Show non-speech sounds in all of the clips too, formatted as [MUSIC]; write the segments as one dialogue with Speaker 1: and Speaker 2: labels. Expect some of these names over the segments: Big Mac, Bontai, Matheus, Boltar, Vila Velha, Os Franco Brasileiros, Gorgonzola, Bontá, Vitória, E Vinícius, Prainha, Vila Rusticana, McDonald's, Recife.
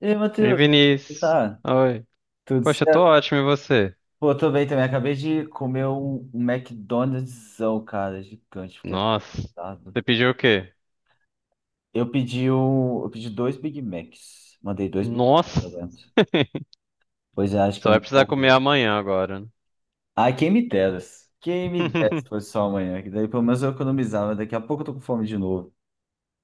Speaker 1: E aí,
Speaker 2: E
Speaker 1: Matheus, como
Speaker 2: Vinícius?
Speaker 1: tá?
Speaker 2: Oi.
Speaker 1: Tudo
Speaker 2: Poxa, eu tô
Speaker 1: certo?
Speaker 2: ótimo, e você?
Speaker 1: Pô, tô bem também. Acabei de comer um McDonald'são, cara, gigante, fiquei
Speaker 2: Nossa.
Speaker 1: atado.
Speaker 2: Você pediu o quê?
Speaker 1: Eu pedi dois Big Macs. Mandei dois Big Macs
Speaker 2: Nossa.
Speaker 1: pra dentro.
Speaker 2: [LAUGHS]
Speaker 1: Pois é, acho que
Speaker 2: Só
Speaker 1: eu me
Speaker 2: vai precisar comer
Speaker 1: empolguei.
Speaker 2: amanhã agora, né?
Speaker 1: Ah, quem me dera. Quem me dera se fosse
Speaker 2: [LAUGHS]
Speaker 1: só amanhã, que daí pelo menos eu economizava. Daqui a pouco eu tô com fome de novo.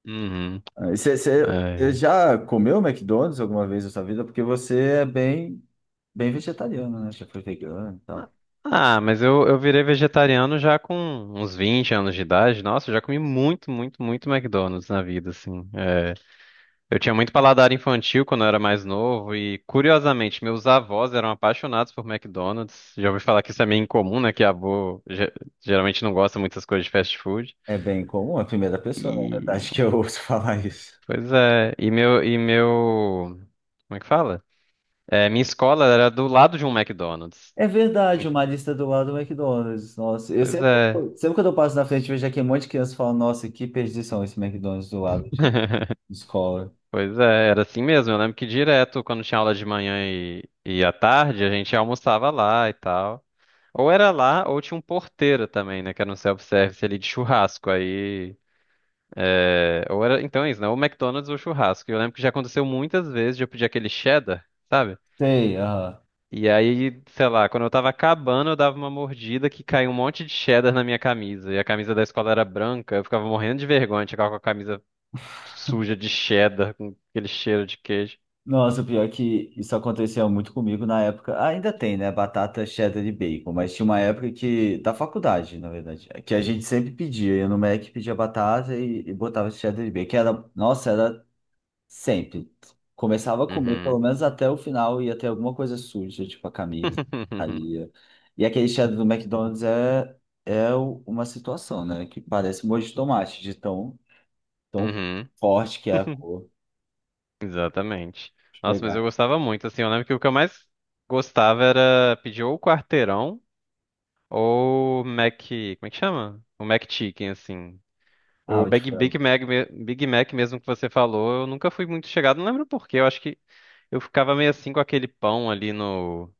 Speaker 2: Uhum.
Speaker 1: Ah, e você
Speaker 2: É.
Speaker 1: já comeu McDonald's alguma vez na sua vida? Porque você é bem vegetariano, né? Já foi vegano e tal.
Speaker 2: Ah, mas eu virei vegetariano já com uns 20 anos de idade. Nossa, eu já comi muito, muito, muito McDonald's na vida, assim. É. Eu tinha muito paladar infantil quando eu era mais novo e, curiosamente, meus avós eram apaixonados por McDonald's. Já ouvi falar que isso é meio incomum, né? Que avô geralmente não gosta muito das coisas de fast food.
Speaker 1: É bem comum, é a primeira pessoa, na
Speaker 2: E,
Speaker 1: verdade, que eu ouço [LAUGHS] falar isso.
Speaker 2: pois é, e meu, como é que fala? É, minha escola era do lado de um McDonald's.
Speaker 1: É verdade, uma lista do lado do McDonald's. Nossa, eu
Speaker 2: Pois
Speaker 1: sempre,
Speaker 2: é,
Speaker 1: sempre quando eu passo na frente, vejo aqui um monte de criança falando, nossa, que perdição esse McDonald's do lado de escola.
Speaker 2: pois é, era assim mesmo. Eu lembro que direto, quando tinha aula de manhã e à tarde, a gente almoçava lá e tal. Ou era lá, ou tinha um porteiro também, né, que era um self-service ali de churrasco. Aí, é, ou era, então é isso, né, ou McDonald's ou churrasco. E eu lembro que já aconteceu muitas vezes de eu pedir aquele cheddar, sabe?
Speaker 1: Sei, aham.
Speaker 2: E aí, sei lá, quando eu tava acabando, eu dava uma mordida que caiu um monte de cheddar na minha camisa. E a camisa da escola era branca, eu ficava morrendo de vergonha de chegar com a camisa suja de cheddar, com aquele cheiro de queijo.
Speaker 1: Nossa, pior que isso acontecia muito comigo na época. Ainda tem, né? Batata, cheddar e bacon, mas tinha uma época que, da faculdade, na verdade, que a gente sempre pedia. Eu no Mac pedia batata e botava cheddar e bacon. Que Era, nossa, era sempre. Começava a comer, pelo
Speaker 2: Uhum.
Speaker 1: menos até o final, ia ter alguma coisa suja, tipo a camisa.
Speaker 2: [LAUGHS]
Speaker 1: Aí, e aquele cheddar do McDonald's é uma situação, né? Que parece molho de tomate, de tão, tão
Speaker 2: Uhum.
Speaker 1: forte que é a
Speaker 2: [LAUGHS]
Speaker 1: cor.
Speaker 2: Exatamente.
Speaker 1: Deixa eu
Speaker 2: Nossa, mas eu
Speaker 1: pegar.
Speaker 2: gostava muito, assim, eu lembro que o que eu mais gostava era pedir ou quarteirão ou Mac, como é que chama? O Mac Chicken, assim.
Speaker 1: Ah,
Speaker 2: O
Speaker 1: o de
Speaker 2: Big,
Speaker 1: frango.
Speaker 2: Big Mac, me- Big Mac mesmo que você falou, eu nunca fui muito chegado, não lembro por quê, eu acho que eu ficava meio assim com aquele pão ali no,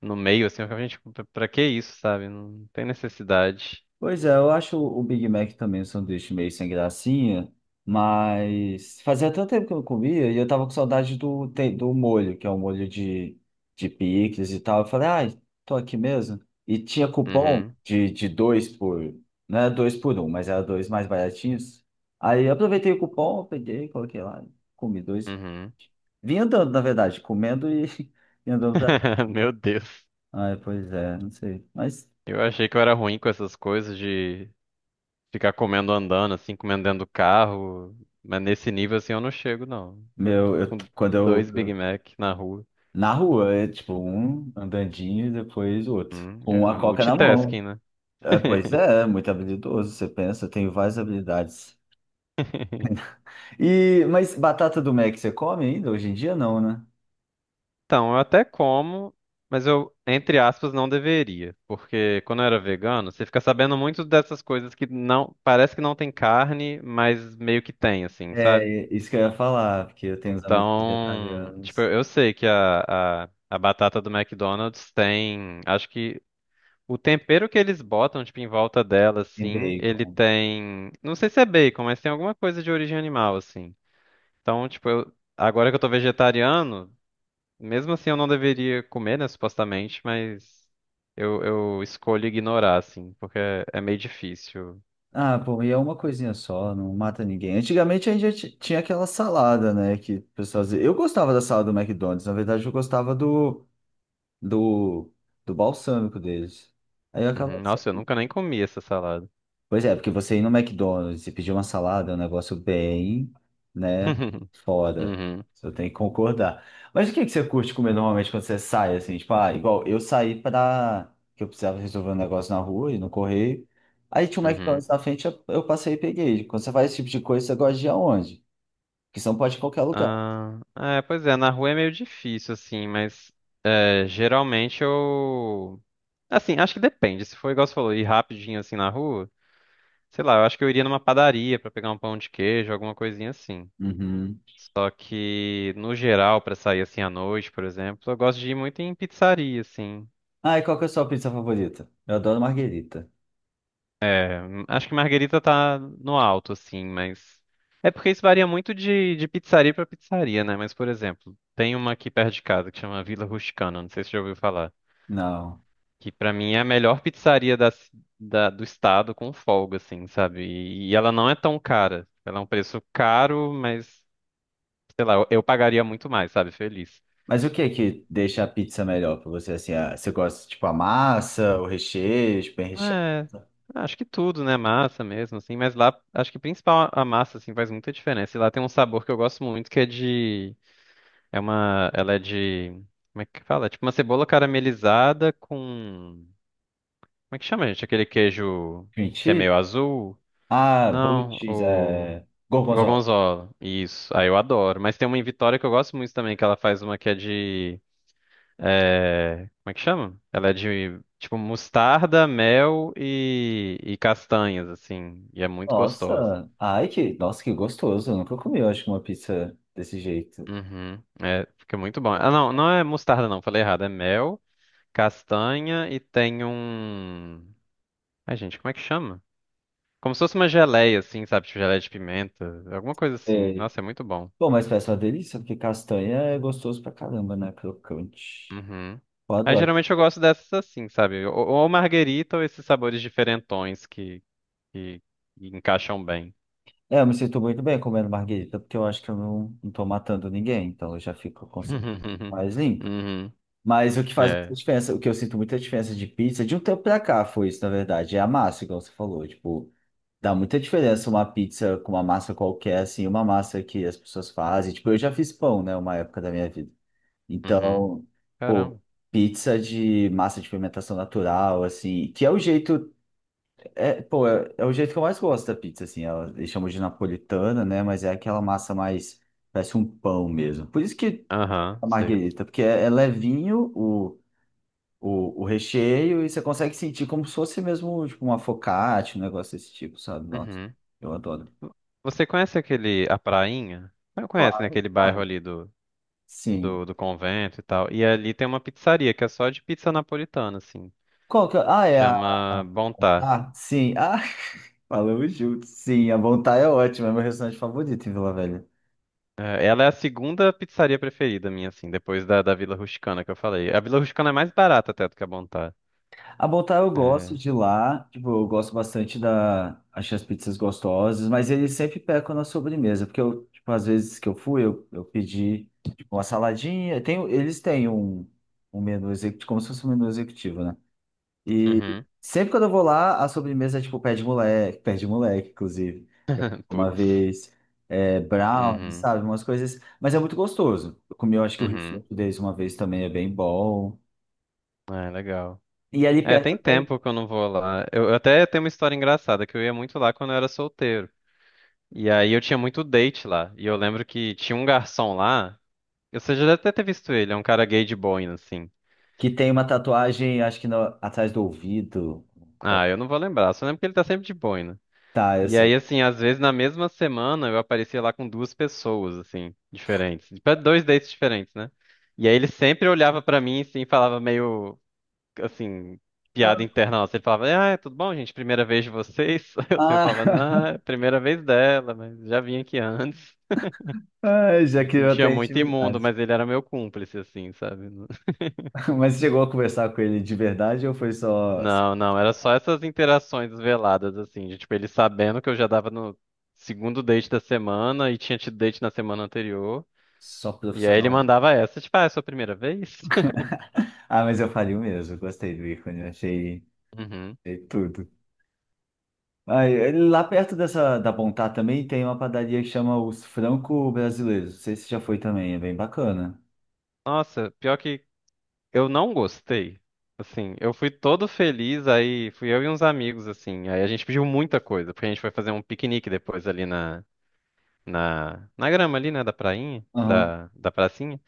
Speaker 2: no meio, assim, eu ficava, gente, pra que isso, sabe? Não tem necessidade.
Speaker 1: Pois é, eu acho o Big Mac também um sanduíche meio sem gracinha, mas fazia tanto tempo que eu não comia e eu tava com saudade do molho, que é um molho de picles e tal. Eu falei, ai, tô aqui mesmo. E tinha cupom
Speaker 2: Uhum,
Speaker 1: de dois por, não era dois por um, mas era dois mais baratinhos. Aí eu aproveitei o cupom, peguei, coloquei lá, comi dois.
Speaker 2: uhum.
Speaker 1: Vim andando, na verdade, comendo [LAUGHS] e andando pra cá.
Speaker 2: [LAUGHS] Meu Deus.
Speaker 1: Ai, pois é, não sei. Mas,
Speaker 2: Eu achei que eu era ruim com essas coisas de ficar comendo andando, assim, comendo dentro do carro. Mas nesse nível, assim, eu não chego, não.
Speaker 1: meu, eu,
Speaker 2: Com
Speaker 1: quando
Speaker 2: dois Big
Speaker 1: eu...
Speaker 2: Mac na rua.
Speaker 1: Na rua, é tipo um andandinho e depois o outro. Com
Speaker 2: É
Speaker 1: uma coca na
Speaker 2: multitasking,
Speaker 1: mão.
Speaker 2: né?
Speaker 1: É, pois
Speaker 2: [LAUGHS]
Speaker 1: é, é muito habilidoso, você pensa, tem várias habilidades. E, mas batata do Mac você come ainda? Hoje em dia não, né?
Speaker 2: Então, eu até como, mas eu, entre aspas, não deveria. Porque quando eu era vegano, você fica sabendo muito dessas coisas que não, parece que não tem carne, mas meio que tem, assim,
Speaker 1: É,
Speaker 2: sabe?
Speaker 1: é isso que eu ia falar, porque eu tenho uns amigos
Speaker 2: Então, tipo,
Speaker 1: vegetarianos
Speaker 2: eu sei que a batata do McDonald's tem, acho que o tempero que eles botam, tipo, em volta dela,
Speaker 1: em
Speaker 2: assim, ele
Speaker 1: bacon.
Speaker 2: tem, não sei se é bacon, mas tem alguma coisa de origem animal, assim. Então, tipo, eu, agora que eu tô vegetariano, mesmo assim, eu não deveria comer, né, supostamente, mas eu escolho ignorar, assim, porque é meio difícil.
Speaker 1: Ah, pô, e é uma coisinha só, não mata ninguém. Antigamente a gente já tinha aquela salada, né, que o pessoal dizia. Eu gostava da salada do McDonald's, na verdade eu gostava do, do balsâmico deles. Aí eu acabava.
Speaker 2: Uhum. Nossa, eu nunca nem comi essa salada.
Speaker 1: Pois é, porque você ir no McDonald's e pedir uma salada é um negócio bem, né,
Speaker 2: [LAUGHS]
Speaker 1: fora.
Speaker 2: Uhum,
Speaker 1: Você tem que concordar. Mas o que é que você curte comer normalmente quando você sai, assim? Tipo, ah, igual eu saí que eu precisava resolver um negócio na rua e no correio. Aí tinha um
Speaker 2: uhum.
Speaker 1: McDonald's na frente, eu passei e peguei. Quando você faz esse tipo de coisa, você gosta de ir aonde? Porque você não pode ir em qualquer lugar.
Speaker 2: Ah, é, pois é, na rua é meio difícil, assim, mas é, geralmente eu. Assim, acho que depende. Se for igual você falou, ir rapidinho assim na rua, sei lá, eu acho que eu iria numa padaria pra pegar um pão de queijo, alguma coisinha assim.
Speaker 1: Uhum.
Speaker 2: Só que, no geral, pra sair assim à noite, por exemplo, eu gosto de ir muito em pizzaria, assim.
Speaker 1: Ah, e qual que é a sua pizza favorita? Eu adoro marguerita.
Speaker 2: Acho que Marguerita tá no alto, assim, mas. É porque isso varia muito de pizzaria pra pizzaria, né? Mas, por exemplo, tem uma aqui perto de casa que chama Vila Rusticana, não sei se você já ouviu falar.
Speaker 1: Não.
Speaker 2: Que pra mim é a melhor pizzaria da, do estado com folga, assim, sabe? E ela não é tão cara. Ela é um preço caro, mas, sei lá, eu pagaria muito mais, sabe? Feliz.
Speaker 1: Mas o que é que deixa a pizza melhor pra você? Assim, ah, você gosta, tipo, a massa, o recheio, tipo, bem recheado?
Speaker 2: É, acho que tudo, né? Massa mesmo, assim. Mas lá, acho que principal a massa, assim, faz muita diferença. E lá tem um sabor que eu gosto muito, que é de... É uma... Ela é de... Como é que fala? É tipo uma cebola caramelizada com... Como é que chama, gente? Aquele queijo
Speaker 1: Cream
Speaker 2: que é
Speaker 1: cheese?
Speaker 2: meio azul?
Speaker 1: Ah, blue
Speaker 2: Não,
Speaker 1: cheese,
Speaker 2: o...
Speaker 1: Gorgonzola.
Speaker 2: Gorgonzola. Isso. Aí eu adoro. Mas tem uma em Vitória que eu gosto muito também, que ela faz uma que é de... É, como é que chama? Ela é de tipo mostarda, mel e castanhas, assim. E é muito gostosa.
Speaker 1: Nossa, ai que, nossa, que gostoso. Eu nunca comi, eu acho, uma pizza desse jeito.
Speaker 2: Uhum. É, fica muito bom. Ah, não, não é mostarda, não. Falei errado. É mel, castanha e tem um. Ai, gente, como é que chama? Como se fosse uma geleia, assim, sabe? Tipo geleia de pimenta, alguma coisa assim.
Speaker 1: É.
Speaker 2: Nossa, é muito bom.
Speaker 1: Bom, mas parece uma delícia, porque castanha é gostoso pra caramba, né? Crocante.
Speaker 2: Uhum.
Speaker 1: Eu
Speaker 2: Aí
Speaker 1: adoro.
Speaker 2: geralmente eu gosto dessas assim, sabe? Ou marguerita ou esses sabores diferentões que, que que encaixam bem.
Speaker 1: É, eu me sinto muito bem comendo marguerita, porque eu acho que eu não tô matando ninguém, então eu já fico com consciência
Speaker 2: Uhum.
Speaker 1: mais limpa.
Speaker 2: Uhum.
Speaker 1: Mas o que faz muita
Speaker 2: É.
Speaker 1: diferença, o que eu sinto muita diferença de pizza, de um tempo pra cá foi isso, na verdade, é a massa, igual você falou. Tipo, dá muita diferença uma pizza com uma massa qualquer, assim, uma massa que as pessoas fazem. Tipo, eu já fiz pão, né, uma época da minha vida.
Speaker 2: Uhum.
Speaker 1: Então, pô,
Speaker 2: Caramba.
Speaker 1: pizza de massa de fermentação natural, assim, que é o jeito, é, pô, é o jeito que eu mais gosto da pizza, assim. Ela, eles chamam de napolitana, né, mas é aquela massa mais, parece um pão mesmo. Por isso que
Speaker 2: Aham,
Speaker 1: a
Speaker 2: sei.
Speaker 1: marguerita, porque é levinho, o recheio e você consegue sentir como se fosse mesmo tipo, uma focaccia, um negócio desse tipo, sabe? Nossa,
Speaker 2: Uhum.
Speaker 1: eu adoro.
Speaker 2: Você conhece aquele, a Prainha? Você conhece, né?
Speaker 1: Claro,
Speaker 2: Aquele bairro
Speaker 1: claro.
Speaker 2: ali do, do,
Speaker 1: Sim.
Speaker 2: do convento e tal. E ali tem uma pizzaria que é só de pizza napolitana, assim.
Speaker 1: Qual que é? Ah, é a.
Speaker 2: Chama Bontá.
Speaker 1: Ah, sim. Ah, [LAUGHS] falamos juntos. Sim, a Bontai é ótima, é meu restaurante favorito em Vila Velha.
Speaker 2: É, ela é a segunda pizzaria preferida minha, assim, depois da Vila Rusticana que eu falei. A Vila Rusticana é mais barata até do que a Bontá.
Speaker 1: A Boltar eu gosto
Speaker 2: É.
Speaker 1: de lá, tipo, eu gosto bastante Achei as pizzas gostosas, mas eles sempre pecam na sobremesa, porque tipo, às vezes que eu fui, eu pedi, tipo, uma saladinha, tem, eles têm um menu executivo, como se fosse um menu executivo, né? E
Speaker 2: Uhum.
Speaker 1: sempre quando eu vou lá, a sobremesa é, tipo, pé de moleque, inclusive,
Speaker 2: [LAUGHS]
Speaker 1: uma
Speaker 2: Putz.
Speaker 1: vez, é, brownie,
Speaker 2: Uhum.
Speaker 1: sabe, umas coisas, mas é muito gostoso. Eu comi, eu acho que o
Speaker 2: Uhum.
Speaker 1: risoto deles uma vez também é bem bom.
Speaker 2: É, legal.
Speaker 1: E ali
Speaker 2: É, tem
Speaker 1: perto tem.
Speaker 2: tempo que eu não vou lá. Eu até tenho uma história engraçada, que eu ia muito lá quando eu era solteiro. E aí eu tinha muito date lá. E eu lembro que tinha um garçom lá. Você já deve até ter visto ele, é um cara gay de boina, assim.
Speaker 1: Que tem uma tatuagem, acho que atrás do ouvido. Então,
Speaker 2: Ah, eu não vou lembrar, só lembro que ele tá sempre de boina.
Speaker 1: tá, eu
Speaker 2: E aí,
Speaker 1: sei.
Speaker 2: assim, às vezes na mesma semana eu aparecia lá com duas pessoas, assim, diferentes. Pra dois dates diferentes, né? E aí ele sempre olhava pra mim, assim, e falava meio assim, piada interna nossa. Ele falava, ah, é, tudo bom, gente? Primeira vez de vocês? [LAUGHS] Eu sempre
Speaker 1: Ah,
Speaker 2: falava,
Speaker 1: [LAUGHS]
Speaker 2: não, é a primeira vez dela, mas já vim aqui antes.
Speaker 1: ah, já
Speaker 2: Me
Speaker 1: criou
Speaker 2: sentia
Speaker 1: até
Speaker 2: muito imundo,
Speaker 1: intimidade.
Speaker 2: mas ele era meu cúmplice, assim, sabe?
Speaker 1: [LAUGHS] Mas você chegou a conversar com ele de verdade ou foi só,
Speaker 2: Não, não, era só essas interações veladas, assim, de, tipo, ele sabendo que eu já dava no segundo date da semana e tinha tido date na semana anterior.
Speaker 1: só
Speaker 2: E aí ele
Speaker 1: profissional?
Speaker 2: mandava essa, tipo, ah, é a sua primeira vez? [LAUGHS]
Speaker 1: Ah, mas eu faria o mesmo. Gostei do ícone, achei,
Speaker 2: Uhum.
Speaker 1: achei tudo. Ah, e lá perto dessa da Bontá também tem uma padaria que chama Os Franco Brasileiros. Não sei se já foi também, é bem bacana.
Speaker 2: Nossa, pior que eu não gostei. Assim, eu fui todo feliz, aí fui eu e uns amigos, assim. Aí a gente pediu muita coisa, porque a gente foi fazer um piquenique depois ali na grama ali, né, da prainha,
Speaker 1: Aham.
Speaker 2: da pracinha.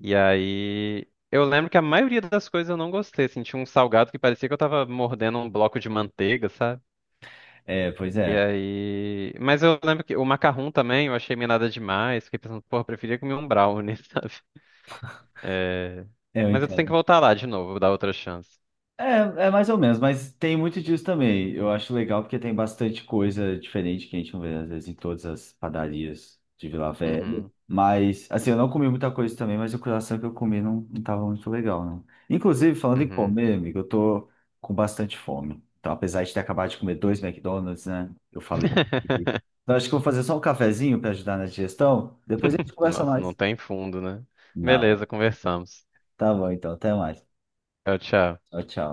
Speaker 2: E aí eu lembro que a maioria das coisas eu não gostei, assim, tinha um salgado que parecia que eu tava mordendo um bloco de manteiga, sabe?
Speaker 1: É, pois
Speaker 2: E
Speaker 1: é.
Speaker 2: aí. Mas eu lembro que o macarrão também eu achei meio nada demais. Fiquei pensando, porra, eu preferia comer um brownie, [LAUGHS] sabe? É...
Speaker 1: É, eu
Speaker 2: Mas eu tenho que
Speaker 1: entendo.
Speaker 2: voltar lá de novo, dar outra chance.
Speaker 1: É, é mais ou menos, mas tem muito disso também. Eu acho legal porque tem bastante coisa diferente que a gente não vê, às vezes, em todas as padarias de Vila Velha.
Speaker 2: Uhum.
Speaker 1: Mas, assim, eu não comi muita coisa também, mas o coração que eu comi não tava muito legal, né? Inclusive, falando em
Speaker 2: Uhum.
Speaker 1: comer, amigo, eu tô com bastante fome. Então, apesar de ter acabado de comer dois McDonald's, né? Eu falei. que-
Speaker 2: [LAUGHS]
Speaker 1: Então, acho que eu vou fazer só um cafezinho para ajudar na digestão. Depois a gente conversa
Speaker 2: Nossa, não
Speaker 1: mais.
Speaker 2: tem fundo, né?
Speaker 1: Não.
Speaker 2: Beleza, conversamos.
Speaker 1: Tá bom, então. Até mais.
Speaker 2: Tchau, tchau.
Speaker 1: Tchau, tchau.